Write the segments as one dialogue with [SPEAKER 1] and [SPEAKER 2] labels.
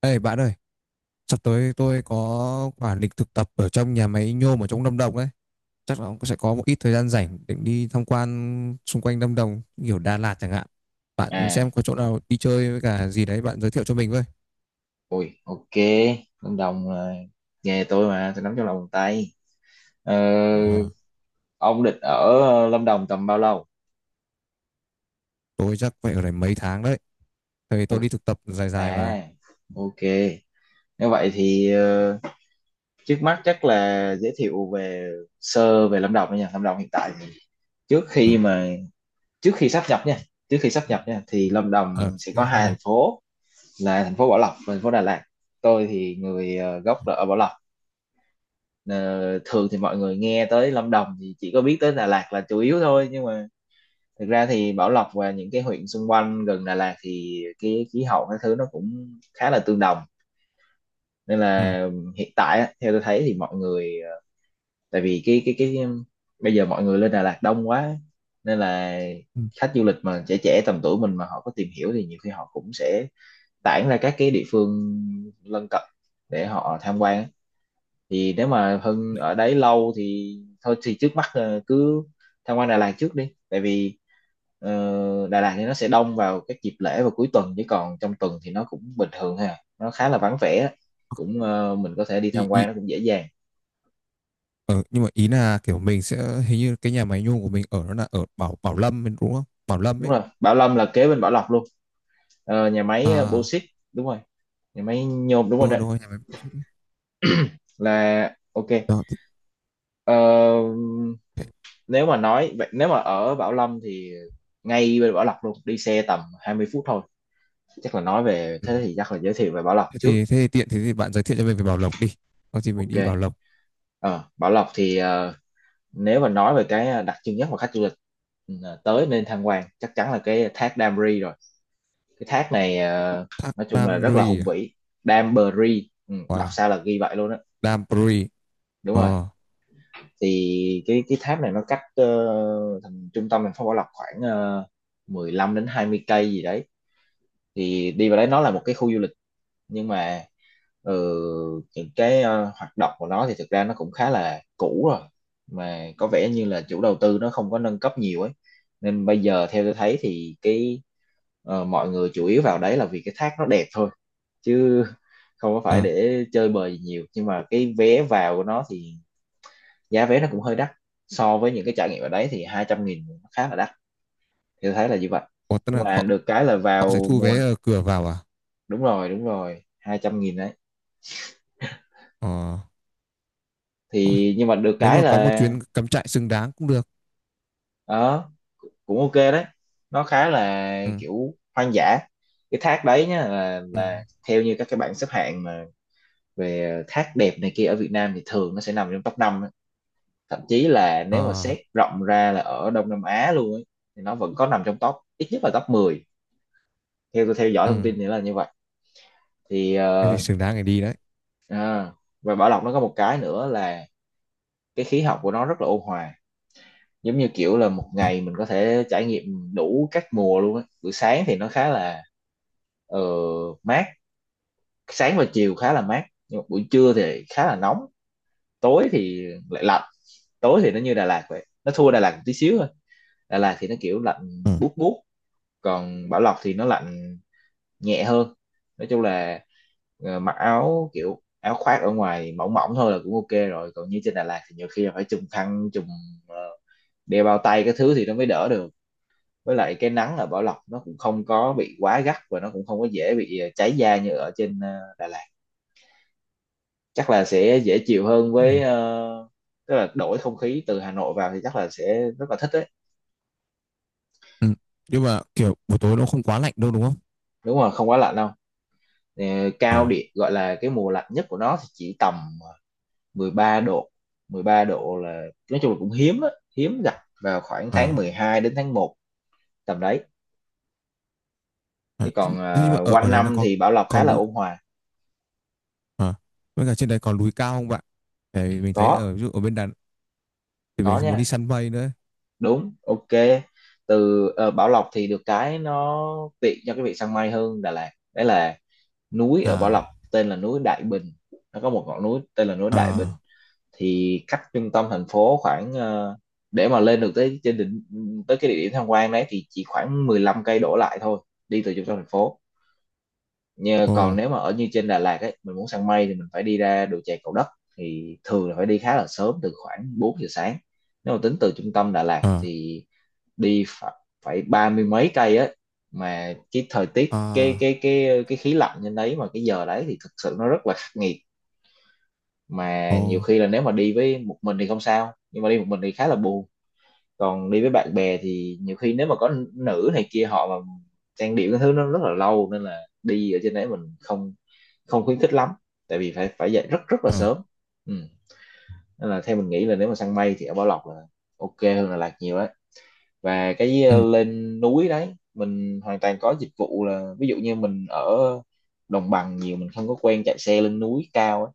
[SPEAKER 1] Ê bạn ơi, sắp tới tôi có quả lịch thực tập ở trong nhà máy nhôm ở trong Lâm Đồng đấy. Chắc là ông sẽ có một ít thời gian rảnh để đi tham quan xung quanh Lâm Đồng, kiểu Đà Lạt chẳng hạn. Bạn
[SPEAKER 2] À,
[SPEAKER 1] xem có chỗ nào đi chơi với cả gì đấy bạn giới thiệu cho mình với.
[SPEAKER 2] ui, ok. Lâm Đồng là nghề tôi mà tôi nắm trong lòng bàn tay. ờ,
[SPEAKER 1] Ờ,
[SPEAKER 2] ông định ở Lâm Đồng tầm bao lâu?
[SPEAKER 1] tôi chắc phải ở đây mấy tháng đấy. Tại vì tôi
[SPEAKER 2] Ui,
[SPEAKER 1] đi thực tập dài dài mà.
[SPEAKER 2] à, ok. Nếu vậy thì trước mắt chắc là giới thiệu về sơ về Lâm Đồng đó nha. Lâm Đồng hiện tại thì trước
[SPEAKER 1] Ừ.
[SPEAKER 2] khi mà trước khi sáp nhập nha, thì Lâm Đồng sẽ có
[SPEAKER 1] Thế
[SPEAKER 2] hai
[SPEAKER 1] nhỉ?
[SPEAKER 2] thành phố là thành phố Bảo Lộc và thành phố Đà Lạt. Tôi thì người gốc là ở Bảo Lộc. Ờ, thường thì mọi người nghe tới Lâm Đồng thì chỉ có biết tới Đà Lạt là chủ yếu thôi, nhưng mà thực ra thì Bảo Lộc và những cái huyện xung quanh gần Đà Lạt thì cái khí hậu các thứ nó cũng khá là tương đồng. Nên
[SPEAKER 1] Ừ.
[SPEAKER 2] là hiện tại á, theo tôi thấy thì mọi người tại vì cái bây giờ mọi người lên Đà Lạt đông quá nên là
[SPEAKER 1] Ừ.
[SPEAKER 2] khách du lịch mà trẻ trẻ tầm tuổi mình mà họ có tìm hiểu thì nhiều khi họ cũng sẽ tản ra các cái địa phương lân cận để họ tham quan á. Thì nếu mà Hưng ở đấy lâu thì thôi thì trước mắt cứ tham quan Đà Lạt trước đi. Tại vì Đà Lạt thì nó sẽ đông vào các dịp lễ và cuối tuần, chứ còn trong tuần thì nó cũng bình thường ha, nó khá là vắng vẻ, cũng mình có thể đi tham
[SPEAKER 1] Ý,
[SPEAKER 2] quan
[SPEAKER 1] ý,
[SPEAKER 2] nó cũng dễ dàng.
[SPEAKER 1] ờ, Nhưng mà ý là kiểu mình sẽ hình như cái nhà máy nhôm của mình ở nó là ở Bảo Bảo Lâm đúng không? Bảo Lâm
[SPEAKER 2] Đúng
[SPEAKER 1] ấy.
[SPEAKER 2] rồi, Bảo Lâm là kế bên Bảo Lộc luôn. Ờ, nhà máy
[SPEAKER 1] À,
[SPEAKER 2] Bauxit, đúng rồi, nhà máy nhôm đúng rồi đấy.
[SPEAKER 1] đúng rồi, nhà máy.
[SPEAKER 2] Là ok.
[SPEAKER 1] Đó, thì,
[SPEAKER 2] Ờ,
[SPEAKER 1] thế-
[SPEAKER 2] nếu mà nói vậy, nếu mà ở Bảo Lâm thì ngay bên Bảo Lộc luôn, đi xe tầm 20 phút thôi. Chắc là nói về
[SPEAKER 1] ừ.
[SPEAKER 2] thế thì chắc là giới thiệu về Bảo Lộc
[SPEAKER 1] Thế
[SPEAKER 2] trước.
[SPEAKER 1] thì, thế thì tiện thế thì bạn giới thiệu cho mình về Bảo Lộc đi. Có gì mình
[SPEAKER 2] Ok.
[SPEAKER 1] đi Bảo Lộc.
[SPEAKER 2] Ờ, Bảo Lộc thì nếu mà nói về cái đặc trưng nhất mà khách du lịch tới nên tham quan chắc chắn là cái thác Đam Ri rồi. Cái thác này
[SPEAKER 1] Thác
[SPEAKER 2] nói chung là
[SPEAKER 1] Đam
[SPEAKER 2] rất là
[SPEAKER 1] Ri
[SPEAKER 2] hùng
[SPEAKER 1] à?
[SPEAKER 2] vĩ. Đam Bờ Ri, ừ, đọc
[SPEAKER 1] Wow.
[SPEAKER 2] sao là ghi vậy luôn á.
[SPEAKER 1] Đam Ri.
[SPEAKER 2] Đúng rồi.
[SPEAKER 1] Ờ.
[SPEAKER 2] Thì cái thác này nó cách thành trung tâm thành phố Bảo Lộc khoảng 15 đến 20 cây gì đấy. Thì đi vào đấy nó là một cái khu du lịch, nhưng mà ừ, những cái hoạt động của nó thì thực ra nó cũng khá là cũ rồi, mà có vẻ như là chủ đầu tư nó không có nâng cấp nhiều ấy. Nên bây giờ theo tôi thấy thì cái mọi người chủ yếu vào đấy là vì cái thác nó đẹp thôi, chứ không có phải
[SPEAKER 1] À.
[SPEAKER 2] để chơi bời gì nhiều. Nhưng mà cái vé vào của nó thì giá vé nó cũng hơi đắt, so với những cái trải nghiệm ở đấy thì 200.000 nó khá là đắt, thì tôi thấy là như vậy.
[SPEAKER 1] Ủa, tức
[SPEAKER 2] Nhưng
[SPEAKER 1] là
[SPEAKER 2] mà
[SPEAKER 1] họ
[SPEAKER 2] được cái là
[SPEAKER 1] họ sẽ
[SPEAKER 2] vào
[SPEAKER 1] thu vé
[SPEAKER 2] mua.
[SPEAKER 1] ở cửa vào à?
[SPEAKER 2] Đúng rồi, đúng rồi, 200.000.
[SPEAKER 1] Ờ.
[SPEAKER 2] Thì nhưng mà được
[SPEAKER 1] Nếu
[SPEAKER 2] cái
[SPEAKER 1] mà có một
[SPEAKER 2] là
[SPEAKER 1] chuyến cắm trại xứng đáng cũng được.
[SPEAKER 2] ờ, cũng ok đấy, nó khá là
[SPEAKER 1] Ừ.
[SPEAKER 2] kiểu hoang dã. Cái thác đấy nhá, là
[SPEAKER 1] Ừ.
[SPEAKER 2] là theo như các cái bảng xếp hạng mà về thác đẹp này kia ở Việt Nam thì thường nó sẽ nằm trong top 5. Thậm chí là nếu mà
[SPEAKER 1] Ờ.
[SPEAKER 2] xét rộng ra là ở Đông Nam Á luôn ấy, thì nó vẫn có nằm trong top ít nhất là top 10, theo tôi theo dõi thông
[SPEAKER 1] Ừ.
[SPEAKER 2] tin thì là như vậy. Thì
[SPEAKER 1] Thế thì
[SPEAKER 2] ờ,
[SPEAKER 1] xứng đáng để đi đấy.
[SPEAKER 2] à, và Bảo Lộc nó có một cái nữa là cái khí hậu của nó rất là ôn hòa, giống như kiểu là một
[SPEAKER 1] Ừ.
[SPEAKER 2] ngày mình có thể trải nghiệm đủ các mùa luôn á. Buổi sáng thì nó khá là ờ, mát, sáng và chiều khá là mát, nhưng mà buổi trưa thì khá là nóng, tối thì lại lạnh. Tối thì nó như Đà Lạt vậy, nó thua Đà Lạt một tí xíu thôi. Đà Lạt thì nó kiểu lạnh
[SPEAKER 1] Ừ.
[SPEAKER 2] buốt buốt, còn Bảo Lộc thì nó lạnh nhẹ hơn. Nói chung là mặc áo kiểu áo khoác ở ngoài mỏng mỏng thôi là cũng ok rồi. Còn như trên Đà Lạt thì nhiều khi là phải trùm khăn, trùm ờ, đeo bao tay cái thứ thì nó mới đỡ được. Với lại cái nắng ở Bảo Lộc nó cũng không có bị quá gắt, và nó cũng không có dễ bị cháy da như ở trên Đà Lạt. Chắc là sẽ dễ chịu hơn
[SPEAKER 1] Ừ.
[SPEAKER 2] với tức là đổi không khí từ Hà Nội vào thì chắc là sẽ rất là thích đấy.
[SPEAKER 1] Ừ. Nhưng mà kiểu buổi tối nó không quá lạnh đâu đúng không?
[SPEAKER 2] Đúng rồi, không quá lạnh đâu. Ờ, cao
[SPEAKER 1] Ờ.
[SPEAKER 2] điểm gọi là cái mùa lạnh nhất của nó thì chỉ tầm 13 độ. 13 độ là nói chung là cũng hiếm á, hiếm gặp, vào khoảng
[SPEAKER 1] Ờ.
[SPEAKER 2] tháng 12 đến tháng 1, tầm đấy. Chứ
[SPEAKER 1] Ờ. Thế
[SPEAKER 2] còn
[SPEAKER 1] nhưng mà
[SPEAKER 2] ờ,
[SPEAKER 1] ở ở
[SPEAKER 2] quanh
[SPEAKER 1] đấy nó
[SPEAKER 2] năm
[SPEAKER 1] có
[SPEAKER 2] thì Bảo Lộc khá
[SPEAKER 1] còn
[SPEAKER 2] là
[SPEAKER 1] núi.
[SPEAKER 2] ôn hòa.
[SPEAKER 1] Ờ. Với cả trên đấy còn núi cao không bạn? Tại mình thấy
[SPEAKER 2] có
[SPEAKER 1] ở ví dụ ở bên Đà thì
[SPEAKER 2] có
[SPEAKER 1] mình muốn đi
[SPEAKER 2] nha,
[SPEAKER 1] săn mây nữa.
[SPEAKER 2] đúng, ok. Từ Bảo Lộc thì được cái nó tiện cho cái việc săn mây hơn Đà Lạt đấy, là núi ở Bảo
[SPEAKER 1] À.
[SPEAKER 2] Lộc tên là núi Đại Bình. Nó có một ngọn núi tên là núi Đại Bình.
[SPEAKER 1] À.
[SPEAKER 2] Thì cách trung tâm thành phố khoảng ờ, để mà lên được tới trên đỉnh, tới cái địa điểm tham quan đấy thì chỉ khoảng 15 cây đổ lại thôi, đi từ trung tâm thành phố. Nhờ,
[SPEAKER 1] Ồ.
[SPEAKER 2] còn nếu mà ở như trên Đà Lạt ấy, mình muốn săn mây thì mình phải đi ra đồi chè Cầu Đất, thì thường là phải đi khá là sớm, từ khoảng 4 giờ sáng. Nếu mà tính từ trung tâm Đà Lạt
[SPEAKER 1] À.
[SPEAKER 2] thì đi phải, phải 30 mấy cây á. Mà cái thời tiết cái
[SPEAKER 1] À.
[SPEAKER 2] cái cái cái khí lạnh trên đấy mà cái giờ đấy thì thực sự nó rất là khắc nghiệt.
[SPEAKER 1] Ồ.
[SPEAKER 2] Mà nhiều khi là nếu mà đi với một mình thì không sao, nhưng mà đi một mình thì khá là buồn. Còn đi với bạn bè thì nhiều khi nếu mà có nữ này kia họ mà trang điểm cái thứ nó rất là lâu, nên là đi ở trên đấy mình không không khuyến khích lắm, tại vì phải phải dậy rất rất là
[SPEAKER 1] À.
[SPEAKER 2] sớm. Ừ. Nên là theo mình nghĩ là nếu mà săn mây thì ở Bảo Lộc là ok hơn là Lạc nhiều đấy. Và cái
[SPEAKER 1] Ừ.
[SPEAKER 2] lên núi đấy mình hoàn toàn có dịch vụ, là ví dụ như mình ở đồng bằng nhiều, mình không có quen chạy xe lên núi cao ấy,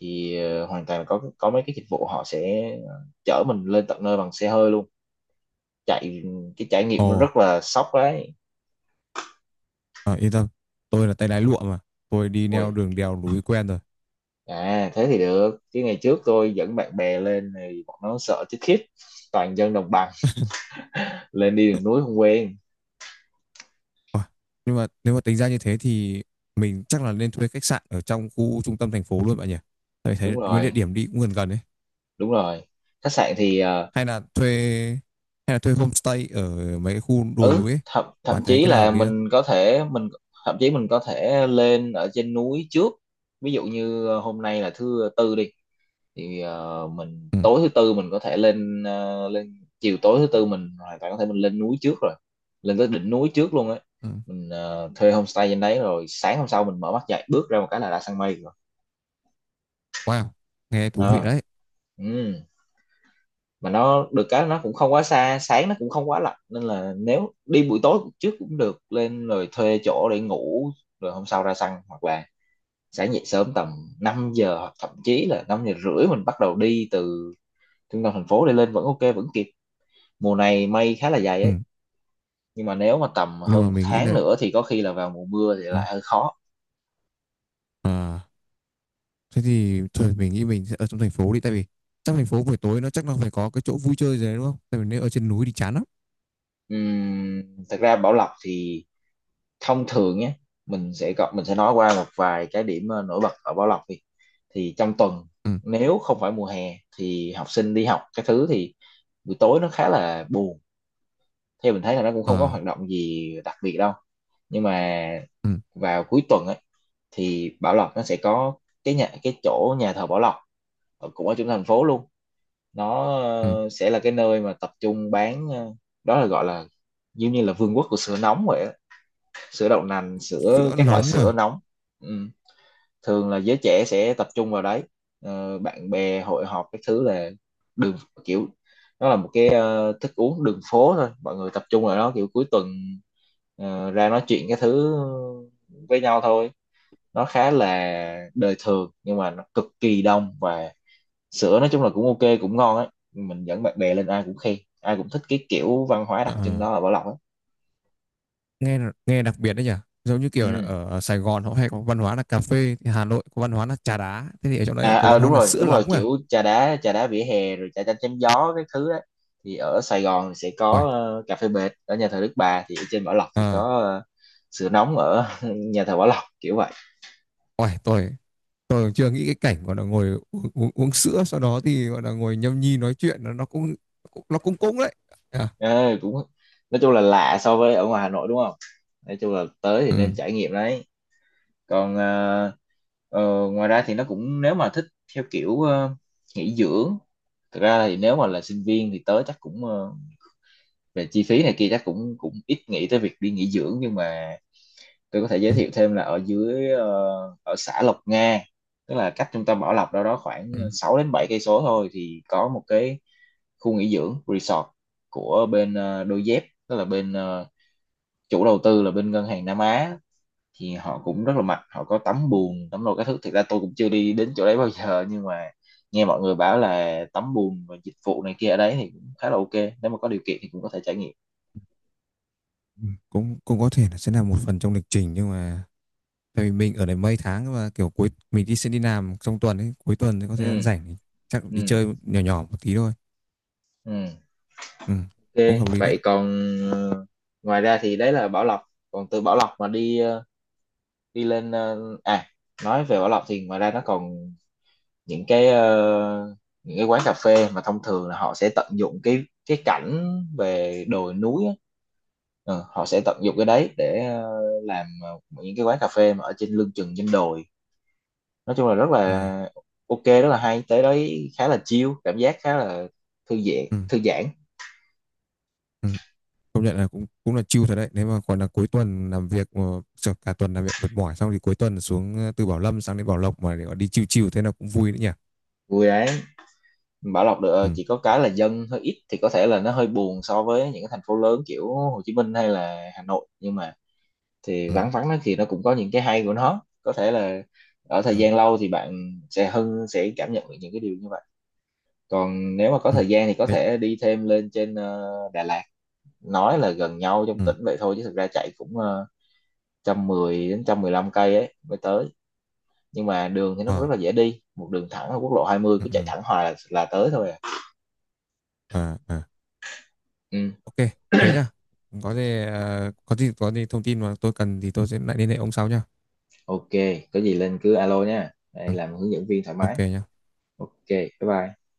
[SPEAKER 2] thì hoàn toàn là có mấy cái dịch vụ họ sẽ chở mình lên tận nơi bằng xe hơi luôn chạy. Cái trải nghiệm
[SPEAKER 1] Ồ.
[SPEAKER 2] nó rất là sốc đấy.
[SPEAKER 1] À, yên tâm, tôi là tay lái lụa mà, tôi đi neo
[SPEAKER 2] Ui
[SPEAKER 1] đường đèo núi quen rồi.
[SPEAKER 2] à, thế thì được. Chứ ngày trước tôi dẫn bạn bè lên thì bọn nó sợ chết khiếp, toàn dân đồng bằng lên đi đường núi không quen.
[SPEAKER 1] Ôi, nhưng mà nếu mà tính ra như thế thì mình chắc là nên thuê khách sạn ở trong khu trung tâm thành phố luôn bạn nhỉ. Tại thấy
[SPEAKER 2] Đúng
[SPEAKER 1] mấy địa
[SPEAKER 2] rồi,
[SPEAKER 1] điểm đi cũng gần gần đấy.
[SPEAKER 2] đúng rồi. Khách sạn thì ờ,
[SPEAKER 1] Hay là thuê hay là thuê homestay ở mấy cái khu đồi
[SPEAKER 2] ừ,
[SPEAKER 1] núi ấy,
[SPEAKER 2] thậm thậm
[SPEAKER 1] bạn thấy
[SPEAKER 2] chí
[SPEAKER 1] cái nào
[SPEAKER 2] là
[SPEAKER 1] hợp lý hơn?
[SPEAKER 2] mình có thể mình thậm chí mình có thể lên ở trên núi trước. Ví dụ như hôm nay là thứ tư đi, thì mình
[SPEAKER 1] Ừ.
[SPEAKER 2] tối thứ tư mình có thể lên ờ, lên chiều tối thứ tư mình hoàn toàn có thể mình lên núi trước rồi, lên tới đỉnh núi trước luôn ấy.
[SPEAKER 1] Ừ.
[SPEAKER 2] Mình thuê homestay trên đấy, rồi sáng hôm sau mình mở mắt dậy bước ra một cái là đã sang mây rồi.
[SPEAKER 1] Wow, nghe thú vị
[SPEAKER 2] Ờ,
[SPEAKER 1] đấy.
[SPEAKER 2] ừ. Mà nó được cái nó cũng không quá xa, sáng nó cũng không quá lạnh, nên là nếu đi buổi tối trước cũng được, lên rồi thuê chỗ để ngủ, rồi hôm sau ra săn. Hoặc là sẽ dậy sớm tầm 5 giờ hoặc thậm chí là 5 giờ rưỡi, mình bắt đầu đi từ trung tâm thành phố để lên vẫn ok, vẫn kịp. Mùa này mây khá là dày
[SPEAKER 1] Ừ.
[SPEAKER 2] ấy, nhưng mà nếu mà tầm
[SPEAKER 1] Nhưng
[SPEAKER 2] hơn
[SPEAKER 1] mà
[SPEAKER 2] một
[SPEAKER 1] mình nghĩ
[SPEAKER 2] tháng
[SPEAKER 1] là,
[SPEAKER 2] nữa thì có khi là vào mùa mưa thì
[SPEAKER 1] ừ,
[SPEAKER 2] lại hơi khó.
[SPEAKER 1] à. Thế thì thôi mình nghĩ mình sẽ ở trong thành phố đi, tại vì trong thành phố buổi tối nó chắc nó phải có cái chỗ vui chơi gì đấy đúng không? Tại vì nếu ở trên núi thì chán lắm.
[SPEAKER 2] Ừm, Thật ra Bảo Lộc thì thông thường nhé, mình sẽ nói qua một vài cái điểm nổi bật ở Bảo Lộc đi. Thì trong tuần,
[SPEAKER 1] Ừ.
[SPEAKER 2] nếu không phải mùa hè thì học sinh đi học cái thứ, thì buổi tối nó khá là buồn, theo mình thấy là nó cũng không có hoạt
[SPEAKER 1] À,
[SPEAKER 2] động gì đặc biệt đâu. Nhưng mà
[SPEAKER 1] ừ,
[SPEAKER 2] vào cuối tuần ấy thì Bảo Lộc nó sẽ có cái chỗ nhà thờ Bảo Lộc, cũng ở trung tâm thành phố luôn. Nó
[SPEAKER 1] ừ.
[SPEAKER 2] sẽ là cái nơi mà tập trung bán, đó là gọi là giống như là vương quốc của sữa nóng vậy á. Sữa đậu nành, sữa,
[SPEAKER 1] Sữa
[SPEAKER 2] các loại
[SPEAKER 1] nóng
[SPEAKER 2] sữa
[SPEAKER 1] mà.
[SPEAKER 2] nóng. Ừ, thường là giới trẻ sẽ tập trung vào đấy. Bạn bè hội họp cái thứ là đường, kiểu nó là một cái thức uống đường phố thôi, mọi người tập trung vào đó kiểu cuối tuần, ra nói chuyện cái thứ với nhau thôi. Nó khá là đời thường nhưng mà nó cực kỳ đông, và sữa nói chung là cũng ok, cũng ngon ấy. Mình dẫn bạn bè lên ai cũng khen, ai cũng thích cái kiểu văn hóa
[SPEAKER 1] À.
[SPEAKER 2] đặc trưng
[SPEAKER 1] Ờ.
[SPEAKER 2] đó ở Bảo Lộc ấy.
[SPEAKER 1] Nghe nghe đặc biệt đấy nhỉ. Giống như kiểu là
[SPEAKER 2] Ừ.
[SPEAKER 1] ở Sài Gòn họ hay có văn hóa là cà phê, thì Hà Nội có văn hóa là trà đá, thế thì ở trong đấy
[SPEAKER 2] À,
[SPEAKER 1] có
[SPEAKER 2] à,
[SPEAKER 1] văn hóa
[SPEAKER 2] đúng
[SPEAKER 1] là
[SPEAKER 2] rồi,
[SPEAKER 1] sữa
[SPEAKER 2] đúng rồi,
[SPEAKER 1] nóng à.
[SPEAKER 2] kiểu trà đá, trà đá vỉa hè rồi trà chanh chém gió cái thứ á. Thì ở Sài Gòn thì sẽ
[SPEAKER 1] Ôi,
[SPEAKER 2] có cà phê bệt ở nhà thờ Đức Bà, thì ở trên Bảo Lộc thì
[SPEAKER 1] à,
[SPEAKER 2] có sữa nóng ở nhà thờ Bảo Lộc kiểu vậy.
[SPEAKER 1] ôi tôi chưa nghĩ cái cảnh gọi là ngồi uống sữa sau đó thì gọi là ngồi nhâm nhi nói chuyện nó cũng nó cũng cũng đấy. À,
[SPEAKER 2] Ờ, Cũng nói chung là lạ so với ở ngoài Hà Nội đúng không. Nói chung là tới thì
[SPEAKER 1] ừ,
[SPEAKER 2] nên trải nghiệm đấy. Còn ờ, ngoài ra thì nó cũng, nếu mà thích theo kiểu nghỉ dưỡng, thực ra thì nếu mà là sinh viên thì tới chắc cũng, về chi phí này kia chắc cũng cũng ít nghĩ tới việc đi nghỉ dưỡng. Nhưng mà tôi có thể giới
[SPEAKER 1] ừ,
[SPEAKER 2] thiệu thêm là ở dưới, ở xã Lộc Nga, tức là cách trung tâm Bảo Lộc đâu đó khoảng
[SPEAKER 1] ừ.
[SPEAKER 2] 6 đến 7 cây số thôi, thì có một cái khu nghỉ dưỡng resort của bên Đôi Dép, tức là bên, chủ đầu tư là bên ngân hàng Nam Á. Thì họ cũng rất là mạnh, họ có tắm bùn, tắm đồ các thứ. Thực ra tôi cũng chưa đi đến chỗ đấy bao giờ, nhưng mà nghe mọi người bảo là tắm bùn và dịch vụ này kia ở đấy thì cũng khá là ok, nếu mà có điều kiện thì cũng có thể trải nghiệm.
[SPEAKER 1] Ừ, cũng cũng có thể là sẽ là một phần trong lịch trình, nhưng mà tại vì mình ở đây mấy tháng và kiểu cuối mình đi sẽ đi làm trong tuần ấy, cuối tuần thì có thời gian
[SPEAKER 2] Ừ,
[SPEAKER 1] rảnh thì chắc đi
[SPEAKER 2] ừ,
[SPEAKER 1] chơi nhỏ nhỏ một tí thôi.
[SPEAKER 2] ừ.
[SPEAKER 1] Ừ,
[SPEAKER 2] Ok.
[SPEAKER 1] cũng hợp lý đấy.
[SPEAKER 2] Vậy còn ờ, ngoài ra thì đấy là Bảo Lộc. Còn từ Bảo Lộc mà đi, đi lên, à, nói về Bảo Lộc thì ngoài ra nó còn những cái ờ, những cái quán cà phê mà thông thường là họ sẽ tận dụng cái cảnh về đồi núi á. Họ sẽ tận dụng cái đấy để làm những cái quán cà phê mà ở trên lưng chừng trên đồi. Nói chung là rất
[SPEAKER 1] À,
[SPEAKER 2] là ok, rất là hay. Tới đấy khá là chill, cảm giác khá là thư giãn,
[SPEAKER 1] ừ,
[SPEAKER 2] thư giãn.
[SPEAKER 1] ừ. Công nhận là cũng cũng là chill thật đấy, nếu mà còn là cuối tuần làm việc mà, sợ cả tuần làm việc mệt mỏi xong thì cuối tuần xuống từ Bảo Lâm sang đến Bảo Lộc mà để gọi đi chill chill thế là cũng vui đấy nhỉ.
[SPEAKER 2] Vui đấy. Bảo Lộc được,
[SPEAKER 1] Ừ,
[SPEAKER 2] chỉ có cái là dân hơi ít thì có thể là nó hơi buồn so với những cái thành phố lớn kiểu Hồ Chí Minh hay là Hà Nội, nhưng mà thì
[SPEAKER 1] ừ,
[SPEAKER 2] vắng vắng nó thì nó cũng có những cái hay của nó. Có thể là ở thời
[SPEAKER 1] ừ,
[SPEAKER 2] gian lâu thì bạn sẽ cảm nhận được những cái điều như vậy. Còn nếu mà có
[SPEAKER 1] ừ.
[SPEAKER 2] thời gian thì có
[SPEAKER 1] Đấy,
[SPEAKER 2] thể đi thêm lên trên, Đà Lạt. Nói là gần nhau trong
[SPEAKER 1] ừ.
[SPEAKER 2] tỉnh vậy thôi chứ thực ra chạy cũng, 110 đến 115 cây ấy mới tới. Nhưng mà đường thì nó cũng rất
[SPEAKER 1] À,
[SPEAKER 2] là dễ đi, một đường thẳng ở quốc lộ 20,
[SPEAKER 1] ừ,
[SPEAKER 2] cứ chạy
[SPEAKER 1] ừ.
[SPEAKER 2] thẳng hoài là tới thôi à.
[SPEAKER 1] À, à.
[SPEAKER 2] Ừ.
[SPEAKER 1] Ok, thế nhá. Có gì có gì thông tin mà tôi cần thì tôi sẽ lại liên hệ ông sau nhá.
[SPEAKER 2] Ok, có gì lên cứ alo nha,
[SPEAKER 1] Ừ,
[SPEAKER 2] đây làm hướng dẫn viên thoải mái.
[SPEAKER 1] ok nhá.
[SPEAKER 2] Ok, bye bye.